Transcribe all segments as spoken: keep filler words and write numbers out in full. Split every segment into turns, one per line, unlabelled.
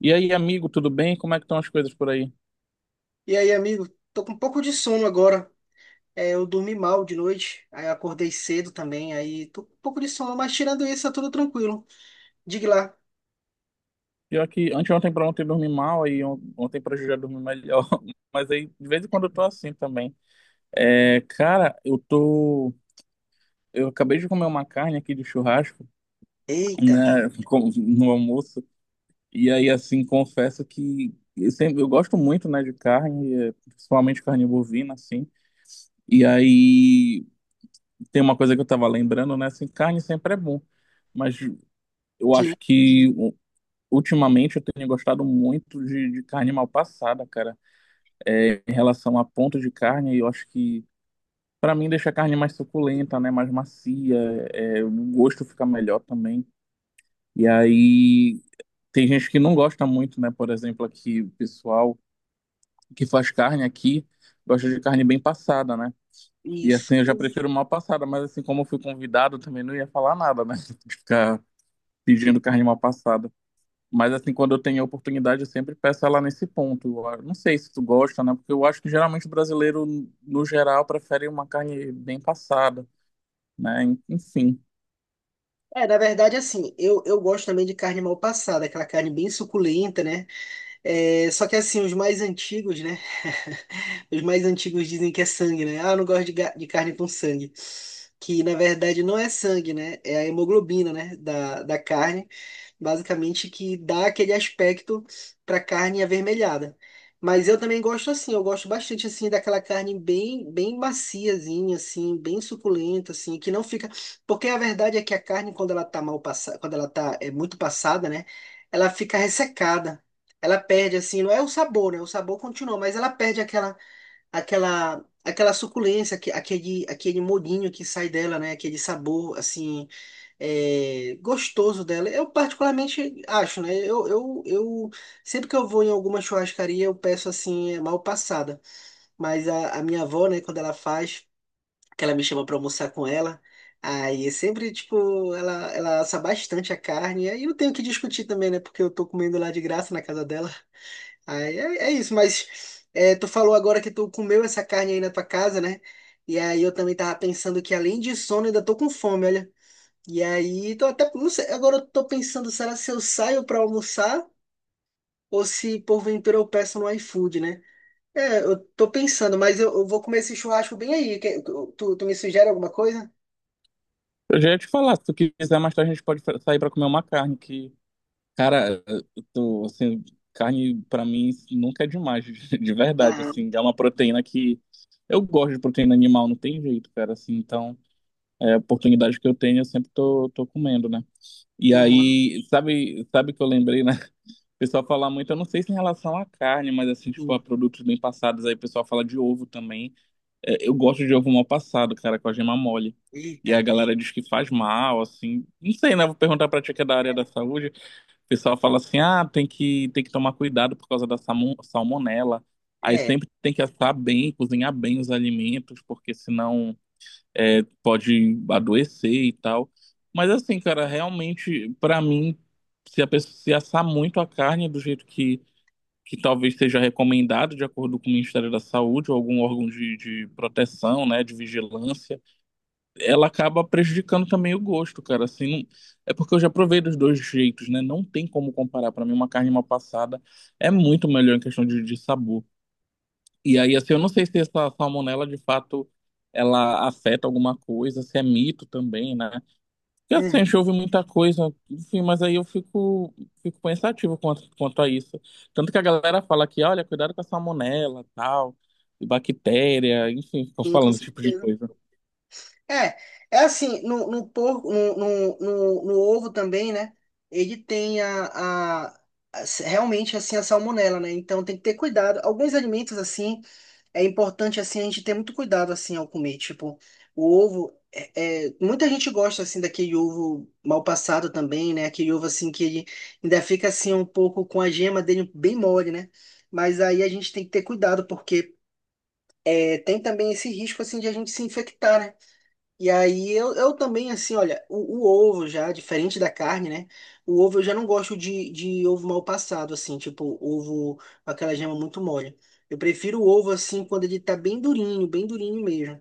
E aí, amigo, tudo bem? Como é que estão as coisas por aí?
E aí, amigo, tô com um pouco de sono agora. É, eu dormi mal de noite, aí acordei cedo também, aí tô com um pouco de sono, mas tirando isso, tá tudo tranquilo. Diga lá.
Pior que anteontem pra ontem eu dormi mal, aí on- ontem pra hoje eu já dormi melhor. Mas aí, de vez em quando eu tô assim também. É, cara, eu tô... Eu acabei de comer uma carne aqui de churrasco,
Eita,
né, com- no almoço. E aí, assim, confesso que eu sempre... Eu gosto muito, né, de carne, é, principalmente carne bovina, assim. E aí, tem uma coisa que eu tava lembrando, né, assim, carne sempre é bom. Mas eu
sim,
acho que ultimamente eu tenho gostado muito de, de carne mal passada, cara. É, em relação a ponto de carne, eu acho que pra mim deixa a carne mais suculenta, né? Mais macia, é, o gosto fica melhor também. E aí tem gente que não gosta muito, né? Por exemplo, aqui o pessoal que faz carne aqui gosta de carne bem passada, né? E assim eu já
isso.
prefiro mal passada, mas assim como eu fui convidado também não ia falar nada, né? De ficar pedindo carne mal passada. Mas assim, quando eu tenho a oportunidade, eu sempre peço ela nesse ponto. Eu não sei se tu gosta, né? Porque eu acho que geralmente o brasileiro, no geral, prefere uma carne bem passada, né? Enfim.
É, na verdade, assim, eu, eu gosto também de carne mal passada, aquela carne bem suculenta, né? É, só que assim, os mais antigos, né? Os mais antigos dizem que é sangue, né? Ah, eu não gosto de, ga- de carne com sangue. Que na verdade não é sangue, né? É a hemoglobina, né? Da, da carne, basicamente, que dá aquele aspecto para carne avermelhada. Mas eu também gosto assim, eu gosto bastante assim daquela carne bem, bem maciazinha assim, bem suculenta assim, que não fica, porque a verdade é que a carne, quando ela tá mal passada, quando ela tá é muito passada, né, ela fica ressecada. Ela perde assim, não é o sabor, né? O sabor continua, mas ela perde aquela aquela aquela suculência, aque- aquele aquele molhinho que sai dela, né? Aquele sabor assim é, gostoso dela. Eu particularmente acho, né? Eu, eu, eu sempre que eu vou em alguma churrascaria eu peço assim é, mal passada. Mas a, a minha avó, né? Quando ela faz, que ela me chama para almoçar com ela. Aí é sempre, tipo, ela, ela assa bastante a carne. Aí eu tenho que discutir também, né? Porque eu tô comendo lá de graça na casa dela. Aí é, é isso, mas é, tu falou agora que tu comeu essa carne aí na tua casa, né? E aí eu também tava pensando que, além de sono, eu ainda tô com fome, olha. E aí, tô até, não sei, agora eu tô pensando, será se eu saio pra almoçar ou se porventura eu peço no iFood, né? É, eu tô pensando, mas eu, eu vou comer esse churrasco bem aí. Que- tu, tu me sugere alguma coisa?
Eu já ia te falar, se tu quiser mais tarde, a gente pode sair para comer uma carne que, cara, eu tô, assim, carne para mim nunca é demais, de verdade, assim,
Aham,
é uma proteína que eu gosto de proteína animal, não tem jeito, cara, assim, então, é a oportunidade que eu tenho, eu sempre tô, tô comendo, né? E
uhum,
aí, sabe, sabe que eu lembrei, né? O pessoal fala muito, eu não sei se em relação à carne, mas assim, tipo, a
sim.
produtos bem passados, aí o pessoal fala de ovo também. É, eu gosto de ovo mal passado, cara, com a gema mole. E
Eita.
a galera diz que faz mal, assim. Não sei, né? Vou perguntar pra tia que é da área da saúde. O pessoal fala assim, ah, tem que, tem que tomar cuidado por causa da salmo- salmonela. Aí
É,
sempre tem que assar bem, cozinhar bem os alimentos, porque senão é, pode adoecer e tal. Mas assim, cara, realmente, pra mim, se a pessoa se assar muito a carne do jeito que que talvez seja recomendado de acordo com o Ministério da Saúde ou algum órgão de, de proteção, né, de vigilância, ela acaba prejudicando também o gosto, cara. Assim, não, é porque eu já provei dos dois jeitos, né? Não tem como comparar. Para mim, uma carne mal passada é muito melhor em questão de, de sabor. E aí, assim, eu não sei se essa salmonela de fato ela afeta alguma coisa, se é mito também, né? Porque assim,
uhum,
a gente ouve muita coisa, enfim, mas aí eu fico, fico pensativo quanto, quanto a isso. Tanto que a galera fala que, olha, cuidado com a salmonela, tal, e bactéria, enfim, ficam
sim, com
falando esse tipo de
certeza.
coisa.
É, É assim, no, no porco, no, no, no, no ovo também, né? Ele tem a, a, a- realmente assim a salmonela, né? Então tem que ter cuidado. Alguns alimentos assim é importante assim a gente ter muito cuidado assim ao comer, tipo o ovo. É, é- muita gente gosta assim daquele ovo mal passado também, né? Aquele ovo assim que ele ainda fica assim um pouco com a gema dele bem mole, né? Mas aí a gente tem que ter cuidado porque é, tem também esse risco assim de a gente se infectar, né? E aí eu, eu também, assim, olha, o, o ovo já, diferente da carne, né? O ovo eu já não gosto de, de ovo mal passado, assim, tipo ovo com aquela gema muito mole. Eu prefiro o ovo, assim, quando ele tá bem durinho, bem durinho mesmo.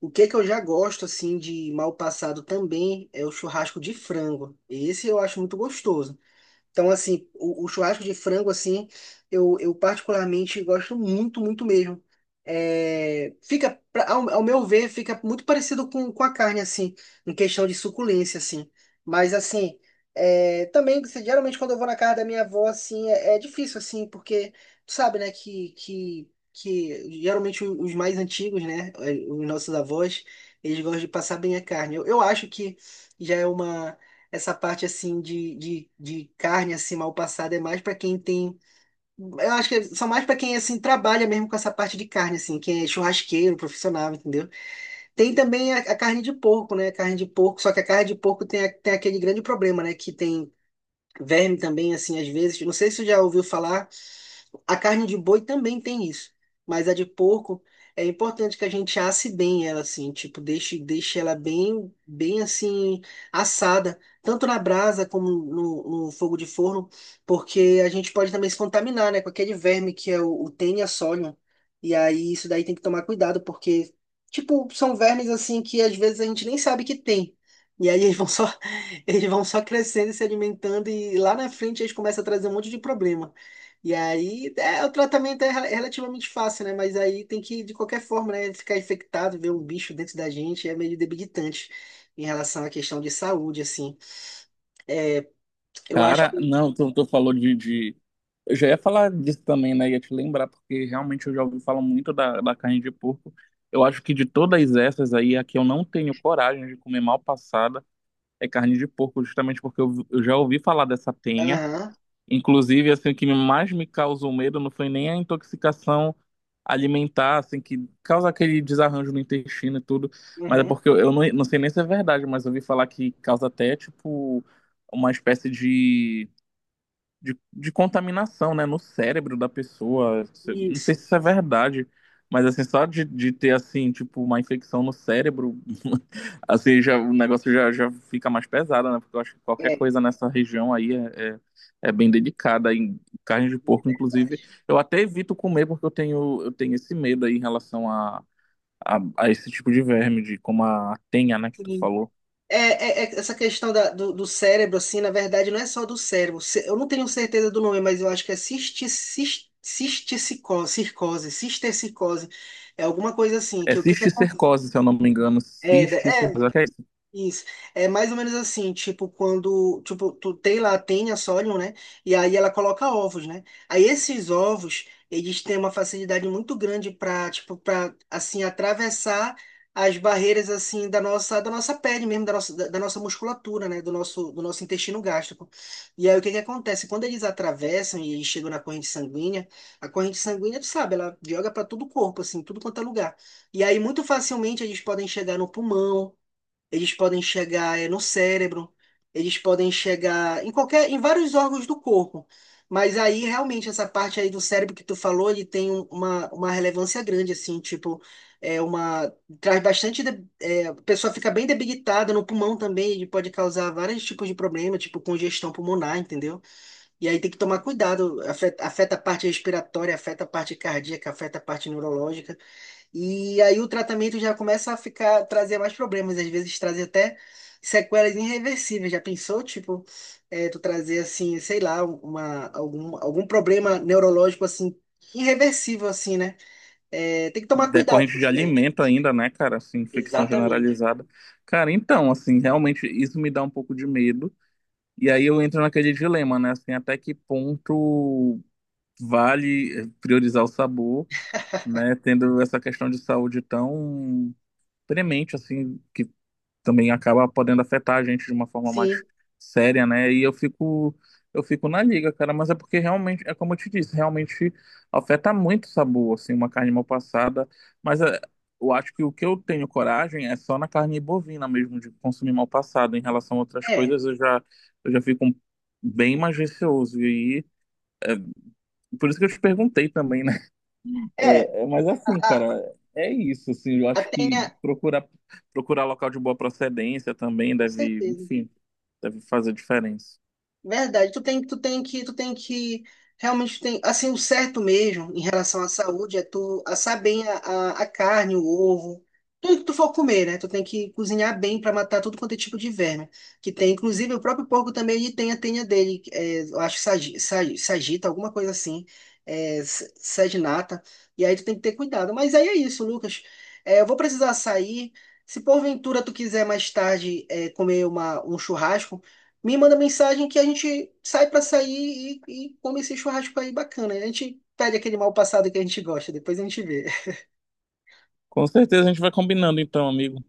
O que que eu já gosto, assim, de mal passado também é o churrasco de frango. Esse eu acho muito gostoso. Então, assim, o, o churrasco de frango, assim, eu, eu particularmente gosto muito, muito mesmo. É, fica, pra- ao, ao meu ver, fica muito parecido com, com a carne, assim, em questão de suculência, assim. Mas, assim, é, também, se- geralmente, quando eu vou na casa da minha avó, assim, é, é difícil, assim, porque tu sabe, né, que, que, que geralmente o- os mais antigos, né, os nossos avós, eles gostam de passar bem a carne. Eu, eu acho que já é uma essa parte assim de, de, de carne assim mal passada é mais para quem tem, eu acho que são mais para quem assim trabalha mesmo com essa parte de carne assim, quem é churrasqueiro, profissional, entendeu? Tem também a, a carne de porco, né? Carne de porco, só que a carne de porco tem, a- tem aquele grande problema, né, que tem verme também assim às vezes. Não sei se você já ouviu falar. A carne de boi também tem isso, mas a de porco é importante que a gente asse bem ela, assim, tipo, deixe, deixe ela bem, bem assim assada, tanto na brasa como no, no fogo de forno, porque a gente pode também se contaminar, né, com aquele verme que é o, o Taenia solium. E aí isso daí tem que tomar cuidado, porque, tipo, são vermes assim que às vezes a gente nem sabe que tem. E aí eles vão só, eles vão só crescendo e se alimentando e lá na frente eles começam a trazer um monte de problema. E aí, é, o tratamento é rel- relativamente fácil, né? Mas aí tem que, de qualquer forma, né? Ficar infectado, ver um bicho dentro da gente é meio debilitante em relação à questão de saúde, assim. Eu acho
Cara,
que.
não, tu, tu falou de, de... Eu já ia falar disso também, né? Ia te lembrar, porque realmente eu já ouvi falar muito da, da carne de porco. Eu acho que de todas essas aí, a que eu não tenho coragem de comer mal passada é carne de porco, justamente porque eu, eu já ouvi falar dessa tenha.
Aham,
Inclusive, assim, o que mais me causou medo não foi nem a intoxicação alimentar, assim, que causa aquele desarranjo no intestino e tudo, mas é
aham,
porque eu, eu não, não sei nem se é verdade, mas eu ouvi falar que causa até, tipo, uma espécie de de, de contaminação, né, no cérebro da pessoa. Se... não sei
isso.
se isso é verdade, mas assim, só de, de ter assim, tipo, uma infecção no cérebro, assim, já, o negócio já, já fica mais pesado, né? Porque eu acho que qualquer
É, é
coisa nessa região aí é, é, é bem delicada. Em carne de porco, inclusive,
verdade.
eu até evito comer porque eu tenho, eu tenho esse medo aí em relação a, a, a esse tipo de verme, de como a tenha, né, que tu
Sim.
falou.
É, é- É essa questão da- do, do cérebro, assim, na verdade, não é só do cérebro. Ce- Eu não tenho certeza do nome, mas eu acho que é cisti, cis- cisticicose, circose, cistercicose. É alguma coisa assim,
É
que o que que
cisticercose, se eu não me engano,
é, é,
cisticercose, acho que é
isso. É mais ou menos assim, tipo, quando, tipo, tu tem lá, tem a Sorium, né? E aí ela coloca ovos, né? Aí esses ovos, eles têm uma facilidade muito grande para, tipo, para assim atravessar as barreiras assim da nossa da nossa pele mesmo, da nossa, da, da nossa musculatura, né, do nosso do nosso intestino gástrico. E aí o que que acontece? Quando eles atravessam e eles chegam na corrente sanguínea, a corrente sanguínea, tu sabe, ela joga para todo o corpo assim, tudo quanto é lugar. E aí muito facilmente eles podem chegar no pulmão, eles podem chegar eh, no cérebro, eles podem chegar em qualquer, em vários órgãos do corpo. Mas aí, realmente, essa parte aí do cérebro que tu falou, ele tem um- uma, uma relevância grande, assim, tipo, é uma, traz bastante, de- é, a pessoa fica bem debilitada. No pulmão também, ele pode causar vários tipos de problema, tipo congestão pulmonar, entendeu? E aí tem que tomar cuidado, afeta, afeta a parte respiratória, afeta a parte cardíaca, afeta a parte neurológica, e aí o tratamento já começa a ficar, trazer mais problemas, às vezes trazer até sequelas irreversíveis. Já pensou, tipo, é, tu trazer assim, sei lá, uma, algum, algum problema neurológico assim, irreversível, assim, né? É, tem que tomar cuidado com
decorrente de
isso daí.
alimento ainda, né, cara? Assim, infecção
Exatamente.
generalizada. Cara, então, assim, realmente isso me dá um pouco de medo. E aí eu entro naquele dilema, né? Assim, até que ponto vale eh, priorizar o sabor, né? Tendo essa questão de saúde tão premente, assim, que também acaba podendo afetar a gente de uma forma mais
Sim,
séria, né? E eu fico eu fico na liga, cara, mas é porque realmente, é como eu te disse, realmente afeta muito o sabor, assim, uma carne mal passada, mas é, eu acho que o que eu tenho coragem é só na carne bovina mesmo de consumir mal passado, em relação a outras
é.
coisas eu já eu já fico um, bem mais receoso e aí, por isso que eu te perguntei também, né?
É,
É, é, mas
a,
assim,
a,
cara, é isso, assim, eu
a
acho que
tenha,
procurar procurar local de boa procedência também
com
deve,
certeza.
enfim, deve fazer diferença.
Verdade, tu tem, tu tem que, tu tem que, realmente tem, assim, o certo mesmo em relação à saúde é tu assar bem a, a, a carne, o ovo, tudo que tu for comer, né? Tu tem que cozinhar bem para matar tudo quanto é tipo de verme que tem. Inclusive, o próprio porco também, ele tem a tenha dele, é, eu acho que sagi- sa- sagita, alguma coisa assim, é, s- saginata, e aí tu tem que ter cuidado. Mas aí é isso, Lucas, é, eu vou precisar sair, se porventura tu quiser mais tarde, é, comer uma, um churrasco, me manda mensagem que a gente sai pra sair e, e come esse churrasco aí bacana. A gente pede aquele mal passado que a gente gosta, depois a gente vê.
Com certeza a gente vai combinando então, amigo.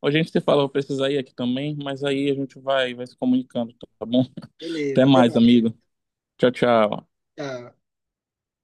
Hoje a gente se fala, eu vou precisar ir aqui também, mas aí a gente vai, vai se comunicando, tá bom? Até
Beleza, até
mais,
mais.
amigo. Tchau, tchau.
Tchau.